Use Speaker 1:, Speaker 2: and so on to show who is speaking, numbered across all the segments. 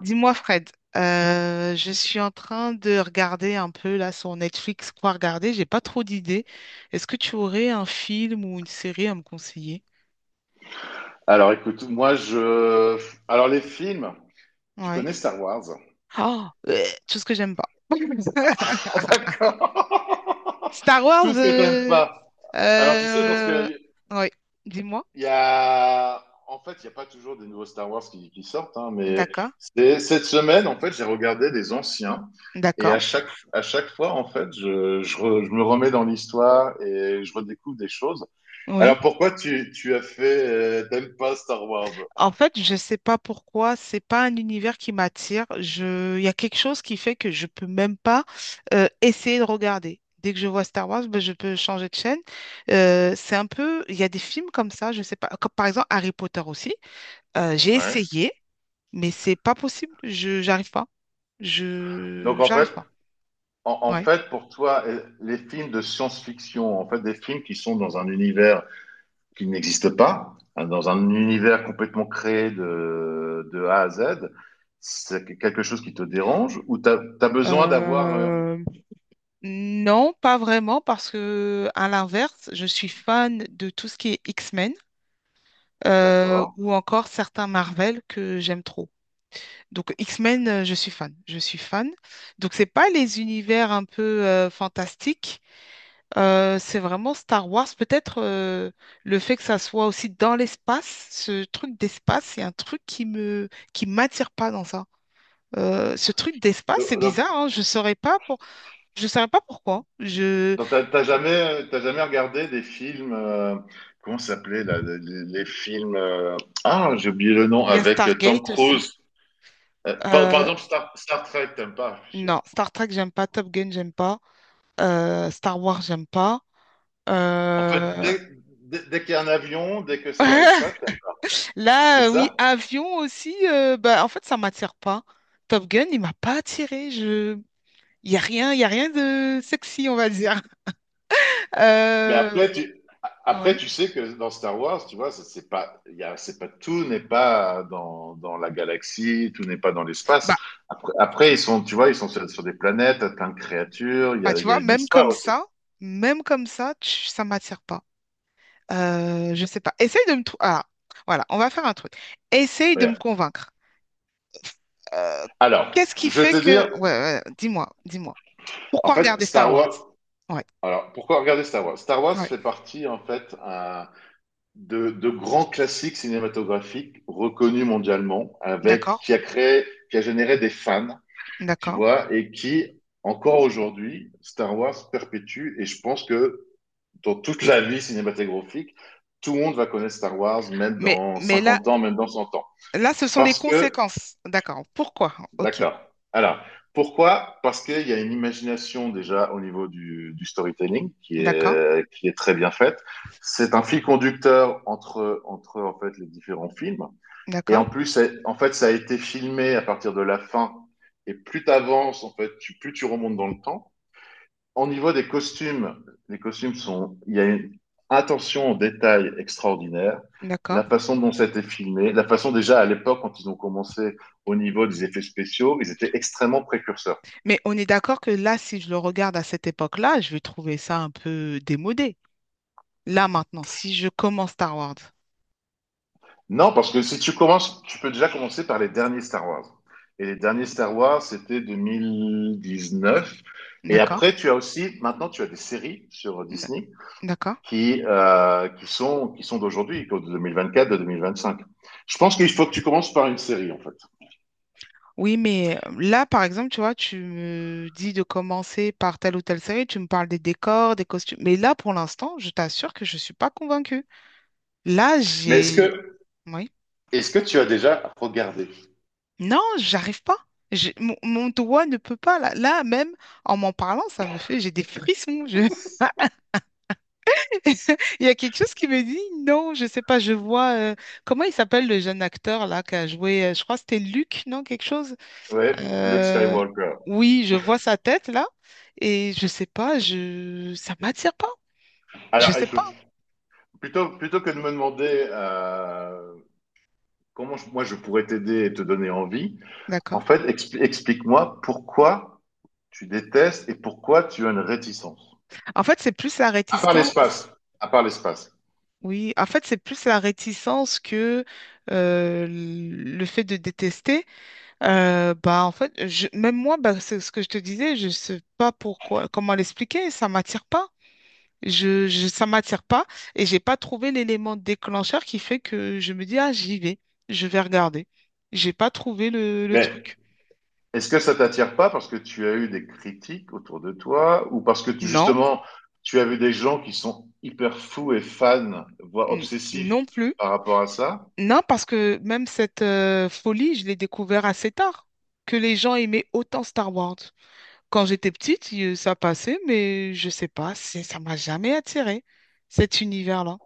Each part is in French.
Speaker 1: Dis-moi, Fred, je suis en train de regarder un peu là sur Netflix quoi regarder. J'ai pas trop d'idées. Est-ce que tu aurais un film ou une série à me conseiller?
Speaker 2: Alors écoute, moi je. Alors les films, tu
Speaker 1: Ouais.
Speaker 2: connais Star Wars?
Speaker 1: Oh, euh, tout ce que j'aime pas.
Speaker 2: Ah, d'accord.
Speaker 1: Star
Speaker 2: Tout
Speaker 1: Wars.
Speaker 2: ce que t'aimes pas. Alors tu sais, parce
Speaker 1: Euh,
Speaker 2: que
Speaker 1: Ouais. Dis-moi.
Speaker 2: il y a. Il n'y a pas toujours des nouveaux Star Wars qui sortent, hein, mais
Speaker 1: D'accord.
Speaker 2: cette semaine, en fait, j'ai regardé des anciens. Et
Speaker 1: D'accord.
Speaker 2: à chaque fois, en fait, je me remets dans l'histoire et je redécouvre des choses. Alors
Speaker 1: Oui.
Speaker 2: pourquoi tu as fait. T'aimes pas Star Wars?
Speaker 1: En fait, je sais pas pourquoi, c'est pas un univers qui m'attire. Il y a quelque chose qui fait que je peux même pas essayer de regarder. Dès que je vois Star Wars, ben, je peux changer de chaîne. C'est un peu, il y a des films comme ça, je sais pas. Comme par exemple Harry Potter aussi. J'ai
Speaker 2: Ouais.
Speaker 1: essayé, mais c'est pas possible. J'arrive pas.
Speaker 2: Donc en fait,
Speaker 1: J'arrive pas.
Speaker 2: En, en
Speaker 1: Ouais.
Speaker 2: fait, pour toi, les films de science-fiction, en fait, des films qui sont dans un univers qui n'existe pas, hein, dans un univers complètement créé de A à Z, c'est quelque chose qui te dérange ou besoin d'avoir...
Speaker 1: Euh, non, pas vraiment, parce que à l'inverse, je suis fan de tout ce qui est X-Men,
Speaker 2: D'accord.
Speaker 1: ou encore certains Marvel que j'aime trop. Donc X-Men, je suis fan, je suis fan. Donc c'est pas les univers un peu fantastiques, c'est vraiment Star Wars. Peut-être le fait que ça soit aussi dans l'espace, ce truc d'espace, c'est un truc qui m'attire pas dans ça. Ce truc d'espace, c'est
Speaker 2: Donc,
Speaker 1: bizarre, hein, je saurais pas pourquoi. Je...
Speaker 2: donc, t'as jamais, t'as jamais regardé des films... comment ça s'appelait là, les films... ah, j'ai oublié le nom,
Speaker 1: Il y a
Speaker 2: avec Tom
Speaker 1: Stargate aussi.
Speaker 2: Cruise. Par
Speaker 1: Euh,
Speaker 2: exemple, Star Trek, t'aimes pas, je suis sûr.
Speaker 1: non, Star Trek, j'aime pas. Top Gun, j'aime pas, Star Wars, j'aime pas.
Speaker 2: En fait,
Speaker 1: Euh,
Speaker 2: dès, dès, Dès qu'il y a un avion, dès que c'est dans l'espace,
Speaker 1: Là,
Speaker 2: c'est
Speaker 1: oui,
Speaker 2: ça.
Speaker 1: avion aussi, bah, en fait, ça m'attire pas. Top Gun, il m'a pas attiré. Je... Il y a rien, il y a rien de sexy, on va dire.
Speaker 2: Mais
Speaker 1: Euh,
Speaker 2: après,
Speaker 1: ouais.
Speaker 2: tu sais que dans Star Wars, tu vois, c'est pas, il y a- c'est pas, tout n'est pas dans la galaxie, tout n'est pas dans l'espace.
Speaker 1: Bah,
Speaker 2: Après, tu vois, ils sont sur des planètes, plein de créatures,
Speaker 1: bah, tu
Speaker 2: il y a
Speaker 1: vois,
Speaker 2: une
Speaker 1: même
Speaker 2: histoire
Speaker 1: comme
Speaker 2: aussi.
Speaker 1: ça, ça m'attire pas. Je sais pas. Essaye de me trouver. Ah, voilà, on va faire un truc. Essaye de me
Speaker 2: Voilà.
Speaker 1: convaincre. Euh,
Speaker 2: Alors,
Speaker 1: qu'est-ce qui
Speaker 2: je vais
Speaker 1: fait
Speaker 2: te
Speaker 1: que...
Speaker 2: dire,
Speaker 1: Ouais, ouais, dis-moi, dis-moi.
Speaker 2: en
Speaker 1: Pourquoi
Speaker 2: fait,
Speaker 1: regarder Star
Speaker 2: Star
Speaker 1: Wars?
Speaker 2: Wars,
Speaker 1: Ouais,
Speaker 2: alors, pourquoi regarder Star Wars? Star Wars
Speaker 1: ouais.
Speaker 2: fait partie, en fait, de grands classiques cinématographiques reconnus mondialement, avec
Speaker 1: D'accord,
Speaker 2: qui a créé, qui a généré des fans, tu
Speaker 1: d'accord.
Speaker 2: vois, et qui encore aujourd'hui, Star Wars perpétue. Et je pense que dans toute la vie cinématographique, tout le monde va connaître Star Wars, même
Speaker 1: Mais,
Speaker 2: dans
Speaker 1: mais là,
Speaker 2: 50 ans, même dans 100 ans,
Speaker 1: là, ce sont des
Speaker 2: parce que,
Speaker 1: conséquences. D'accord. Pourquoi? Ok.
Speaker 2: d'accord. Alors, pourquoi? Parce qu'il y a une imagination déjà au niveau du storytelling
Speaker 1: D'accord.
Speaker 2: qui est très bien faite. C'est un fil conducteur entre en fait les différents films. Et en
Speaker 1: D'accord.
Speaker 2: plus, en fait, ça a été filmé à partir de la fin. Et plus tu avances, en fait, plus tu remontes dans le temps. Au niveau des costumes, il y a une attention au détail extraordinaire.
Speaker 1: D'accord.
Speaker 2: La façon dont ça a été filmé, la façon déjà à l'époque, quand ils ont commencé au niveau des effets spéciaux, ils étaient extrêmement précurseurs.
Speaker 1: Mais on est d'accord que là, si je le regarde à cette époque-là, je vais trouver ça un peu démodé. Là, maintenant, si je commence Star Wars.
Speaker 2: Non, parce que si tu commences, tu peux déjà commencer par les derniers Star Wars. Et les derniers Star Wars, c'était 2019. Et
Speaker 1: D'accord.
Speaker 2: après, tu as aussi, maintenant, tu as des séries sur
Speaker 1: N-
Speaker 2: Disney
Speaker 1: D'accord.
Speaker 2: qui, qui sont d'aujourd'hui, de 2024, de 2025. Je pense qu'il faut que tu commences par une série, en fait.
Speaker 1: Oui, mais là, par exemple, tu vois, tu me dis de commencer par telle ou telle série, tu me parles des décors, des costumes. Mais là, pour l'instant, je t'assure que je ne suis pas convaincue. Là,
Speaker 2: Mais
Speaker 1: j'ai... Oui.
Speaker 2: est-ce que tu as déjà regardé
Speaker 1: Non, j'arrive pas. Mon doigt ne peut pas. Là, même en m'en parlant, ça me fait... J'ai des frissons. Il y a quelque chose qui me dit non, je sais pas, Comment il s'appelle le jeune acteur là qui a joué... Je crois que c'était Luc, non? Quelque chose.
Speaker 2: ouais, Luke
Speaker 1: Euh,
Speaker 2: Skywalker.
Speaker 1: Oui, je vois sa tête là. Et je sais pas, je... ça m'attire pas. Je
Speaker 2: Alors,
Speaker 1: sais pas.
Speaker 2: écoute, plutôt que de me demander moi je pourrais t'aider et te donner envie, en
Speaker 1: D'accord.
Speaker 2: fait, explique-moi pourquoi tu détestes et pourquoi tu as une réticence.
Speaker 1: En fait, c'est plus la
Speaker 2: À part
Speaker 1: réticence.
Speaker 2: l'espace. À part l'espace.
Speaker 1: Oui, en fait, c'est plus la réticence que le fait de détester. Bah, en fait, même moi, bah, c'est ce que je te disais, je sais pas pourquoi, comment l'expliquer, ça m'attire pas. Ça m'attire pas et j'ai pas trouvé l'élément déclencheur qui fait que je me dis, ah, j'y vais, je vais regarder. J'ai pas trouvé le
Speaker 2: Mais
Speaker 1: truc.
Speaker 2: est-ce que ça t'attire pas parce que tu as eu des critiques autour de toi ou parce que
Speaker 1: Non,
Speaker 2: justement tu as vu des gens qui sont hyper fous et fans, voire obsessifs
Speaker 1: non plus.
Speaker 2: par rapport à ça?
Speaker 1: Non, parce que même cette folie, je l'ai découvert assez tard, que les gens aimaient autant Star Wars. Quand j'étais petite, ça passait, mais je sais pas, ça m'a jamais attiré, cet univers-là.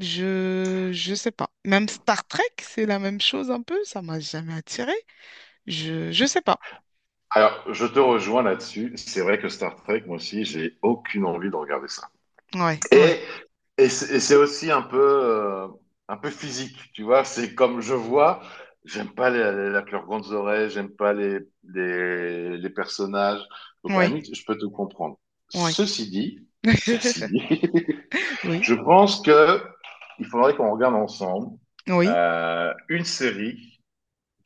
Speaker 1: Je sais pas. Même Star Trek, c'est la même chose un peu, ça m'a jamais attiré. Je sais pas.
Speaker 2: Alors, je te rejoins là-dessus. C'est vrai que Star Trek, moi aussi, j'ai aucune envie de regarder ça.
Speaker 1: Ouais, ouais,
Speaker 2: Et, et c'est aussi un peu physique, tu vois. C'est comme je vois, j'aime pas les, les- la leurs grandes oreilles, j'aime pas les personnages. Donc, à la
Speaker 1: ouais,
Speaker 2: limite, je peux te comprendre.
Speaker 1: ouais.
Speaker 2: Ceci dit, ceci dit,
Speaker 1: Oui,
Speaker 2: je pense que il faudrait qu'on regarde ensemble
Speaker 1: oui,
Speaker 2: une série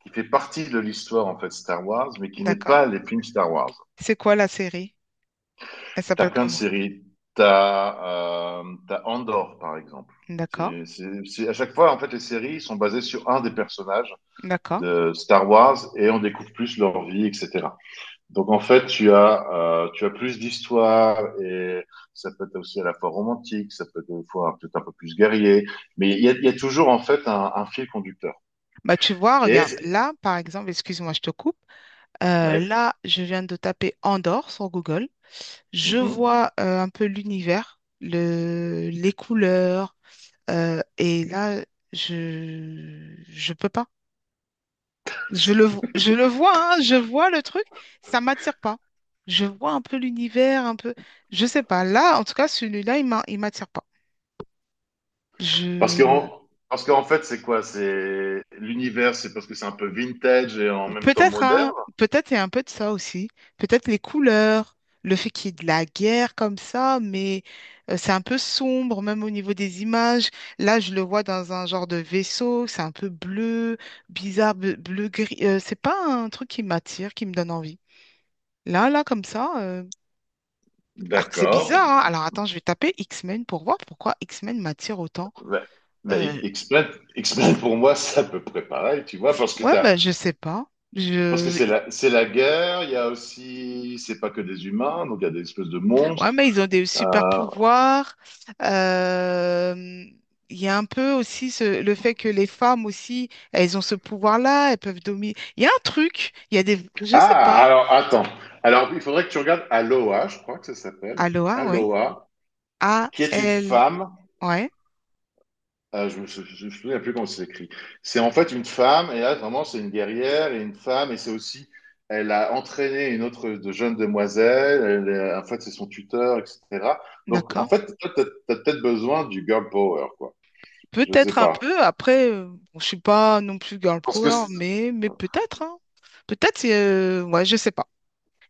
Speaker 2: qui fait partie de l'histoire, en fait, Star Wars, mais qui n'est
Speaker 1: d'accord.
Speaker 2: pas les films Star Wars.
Speaker 1: C'est quoi la série? Elle
Speaker 2: T'as
Speaker 1: s'appelle
Speaker 2: plein de
Speaker 1: comment?
Speaker 2: séries. T'as Andor, par exemple.
Speaker 1: D'accord,
Speaker 2: À chaque fois, en fait, les séries sont basées sur un des personnages
Speaker 1: d'accord.
Speaker 2: de Star Wars et on découvre plus leur vie, etc. Donc, en fait, tu as plus d'histoires et ça peut être aussi à la fois romantique, ça peut être des fois peut-être un peu plus guerrier, mais il y a toujours, en fait, un fil conducteur.
Speaker 1: Bah tu vois,
Speaker 2: Et,
Speaker 1: regarde, là, par exemple, excuse-moi, je te coupe.
Speaker 2: ouais,
Speaker 1: Là, je viens de taper Andorre sur Google. Je
Speaker 2: mhm.
Speaker 1: vois un peu l'univers, les couleurs, et là, je peux pas. Je le vois, hein, je vois le truc, ça m'attire pas. Je vois un peu l'univers, un peu, je sais pas. Là, en tout cas, celui-là, il m'attire pas.
Speaker 2: Parce
Speaker 1: Je
Speaker 2: parce qu'en fait, c'est quoi? C'est l'univers, c'est parce que c'est un peu vintage et en même temps
Speaker 1: Peut-être,
Speaker 2: moderne.
Speaker 1: hein, peut-être il y a un peu de ça aussi. Peut-être les couleurs, le fait qu'il y ait de la guerre comme ça, mais c'est un peu sombre, même au niveau des images. Là, je le vois dans un genre de vaisseau, c'est un peu bleu, bizarre, bleu, bleu gris. C'est pas un truc qui m'attire, qui me donne envie. Là, comme ça, alors que c'est
Speaker 2: D'accord.
Speaker 1: bizarre, hein. Alors attends, je vais taper X-Men pour voir pourquoi X-Men m'attire autant.
Speaker 2: Ouais. Mais
Speaker 1: Euh,
Speaker 2: explain, explain pour moi, c'est à peu près pareil, tu vois, parce que
Speaker 1: Ouais, bah, je sais pas.
Speaker 2: parce que c'est
Speaker 1: Je...
Speaker 2: c'est la guerre. Il y a aussi, c'est pas que des humains, donc il y a des espèces de
Speaker 1: Ouais,
Speaker 2: monstres.
Speaker 1: mais ils ont des super
Speaker 2: Euh,
Speaker 1: pouvoirs. Euh, Il y a un peu aussi le fait que les femmes aussi, elles ont ce pouvoir-là, elles peuvent dominer. Il y a un truc, il y a des... Je sais
Speaker 2: Ah,
Speaker 1: pas.
Speaker 2: alors attends. Alors il faudrait que tu regardes Aloha, je crois que ça s'appelle
Speaker 1: Aloha, ouais.
Speaker 2: Aloha,
Speaker 1: A,
Speaker 2: qui est une
Speaker 1: L,
Speaker 2: femme.
Speaker 1: ouais,
Speaker 2: Ah, je me souviens plus comment c'est écrit. C'est en fait une femme, et là, vraiment, c'est une guerrière et une femme, et c'est aussi, elle a entraîné une autre de jeune demoiselle, en fait, c'est son tuteur, etc. Donc,
Speaker 1: d'accord.
Speaker 2: en fait, toi, t'as peut-être besoin du girl power, quoi. Je sais
Speaker 1: Peut-être un
Speaker 2: pas.
Speaker 1: peu, après, bon, je suis pas non plus girl
Speaker 2: Parce que,
Speaker 1: power,
Speaker 2: c'est-
Speaker 1: mais peut-être, hein. Peut-être, ouais, je sais pas.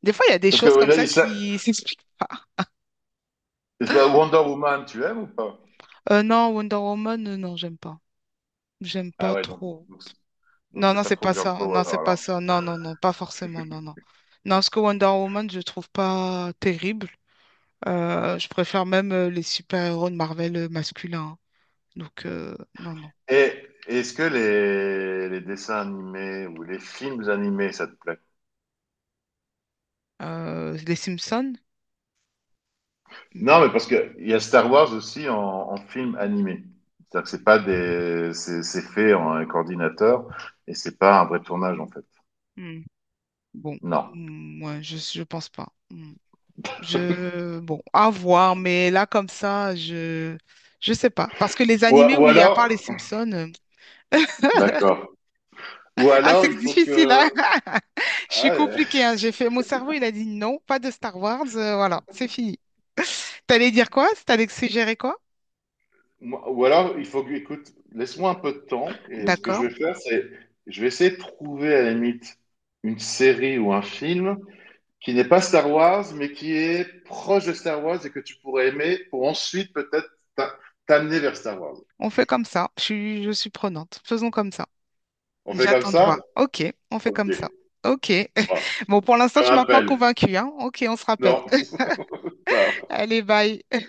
Speaker 1: Des fois, il y a des
Speaker 2: parce que
Speaker 1: choses
Speaker 2: ouais,
Speaker 1: comme
Speaker 2: là,
Speaker 1: ça qui s'expliquent pas.
Speaker 2: la Wonder Woman, tu aimes ou pas?
Speaker 1: Non, Wonder Woman, non, j'aime pas. J'aime
Speaker 2: Ah
Speaker 1: pas
Speaker 2: ouais,
Speaker 1: trop.
Speaker 2: donc, c'est- donc
Speaker 1: Non,
Speaker 2: c'est
Speaker 1: non,
Speaker 2: pas
Speaker 1: c'est
Speaker 2: trop
Speaker 1: pas
Speaker 2: girl
Speaker 1: ça. Non,
Speaker 2: power,
Speaker 1: c'est pas
Speaker 2: alors.
Speaker 1: ça. Non, non, non, pas forcément. Non, non. Non, parce que Wonder Woman, je trouve pas terrible. Je préfère même les super-héros de Marvel masculins, hein. Donc, non, non.
Speaker 2: Et est-ce que les dessins animés ou les films animés, ça te plaît?
Speaker 1: Les Simpsons?
Speaker 2: Non,
Speaker 1: Hmm,
Speaker 2: mais parce que il y a Star Wars aussi en film animé. C'est-à-dire que c'est pas des, c'est fait en un coordinateur et c'est pas un vrai tournage en fait.
Speaker 1: hmm, Bon,
Speaker 2: Non.
Speaker 1: Hmm, ouais, je pense pas. Hmm. Je, bon, à voir, mais là, comme ça, je sais pas. Parce que les
Speaker 2: Ou,
Speaker 1: animés,
Speaker 2: ou
Speaker 1: oui, à part les
Speaker 2: alors,
Speaker 1: Simpsons,
Speaker 2: d'accord. Ou
Speaker 1: Ah,
Speaker 2: alors
Speaker 1: c'est
Speaker 2: il faut
Speaker 1: difficile, hein? Je suis
Speaker 2: ah, ouais.
Speaker 1: compliquée, hein. J'ai fait... Mon cerveau, il a dit non, pas de Star Wars, voilà, c'est fini. T'allais dire quoi? T'allais suggérer quoi?
Speaker 2: Moi- ou alors il faut que, Écoute, laisse-moi un peu de temps et ce que je
Speaker 1: D'accord.
Speaker 2: vais faire, c'est, je vais essayer de trouver à la limite une série ou un film qui n'est pas Star Wars mais qui est proche de Star Wars et que tu pourrais aimer pour ensuite peut-être t'a- t'amener vers Star Wars.
Speaker 1: On fait comme ça. Je suis prenante. Faisons comme ça.
Speaker 2: On fait comme
Speaker 1: J'attends de
Speaker 2: ça?
Speaker 1: voir. OK, on fait
Speaker 2: Ok.
Speaker 1: comme ça. OK.
Speaker 2: Bon, je
Speaker 1: Bon, pour l'instant,
Speaker 2: te
Speaker 1: tu m'as pas
Speaker 2: rappelle.
Speaker 1: convaincue, hein? OK, on se
Speaker 2: Non,
Speaker 1: rappelle.
Speaker 2: ciao.
Speaker 1: Allez, bye.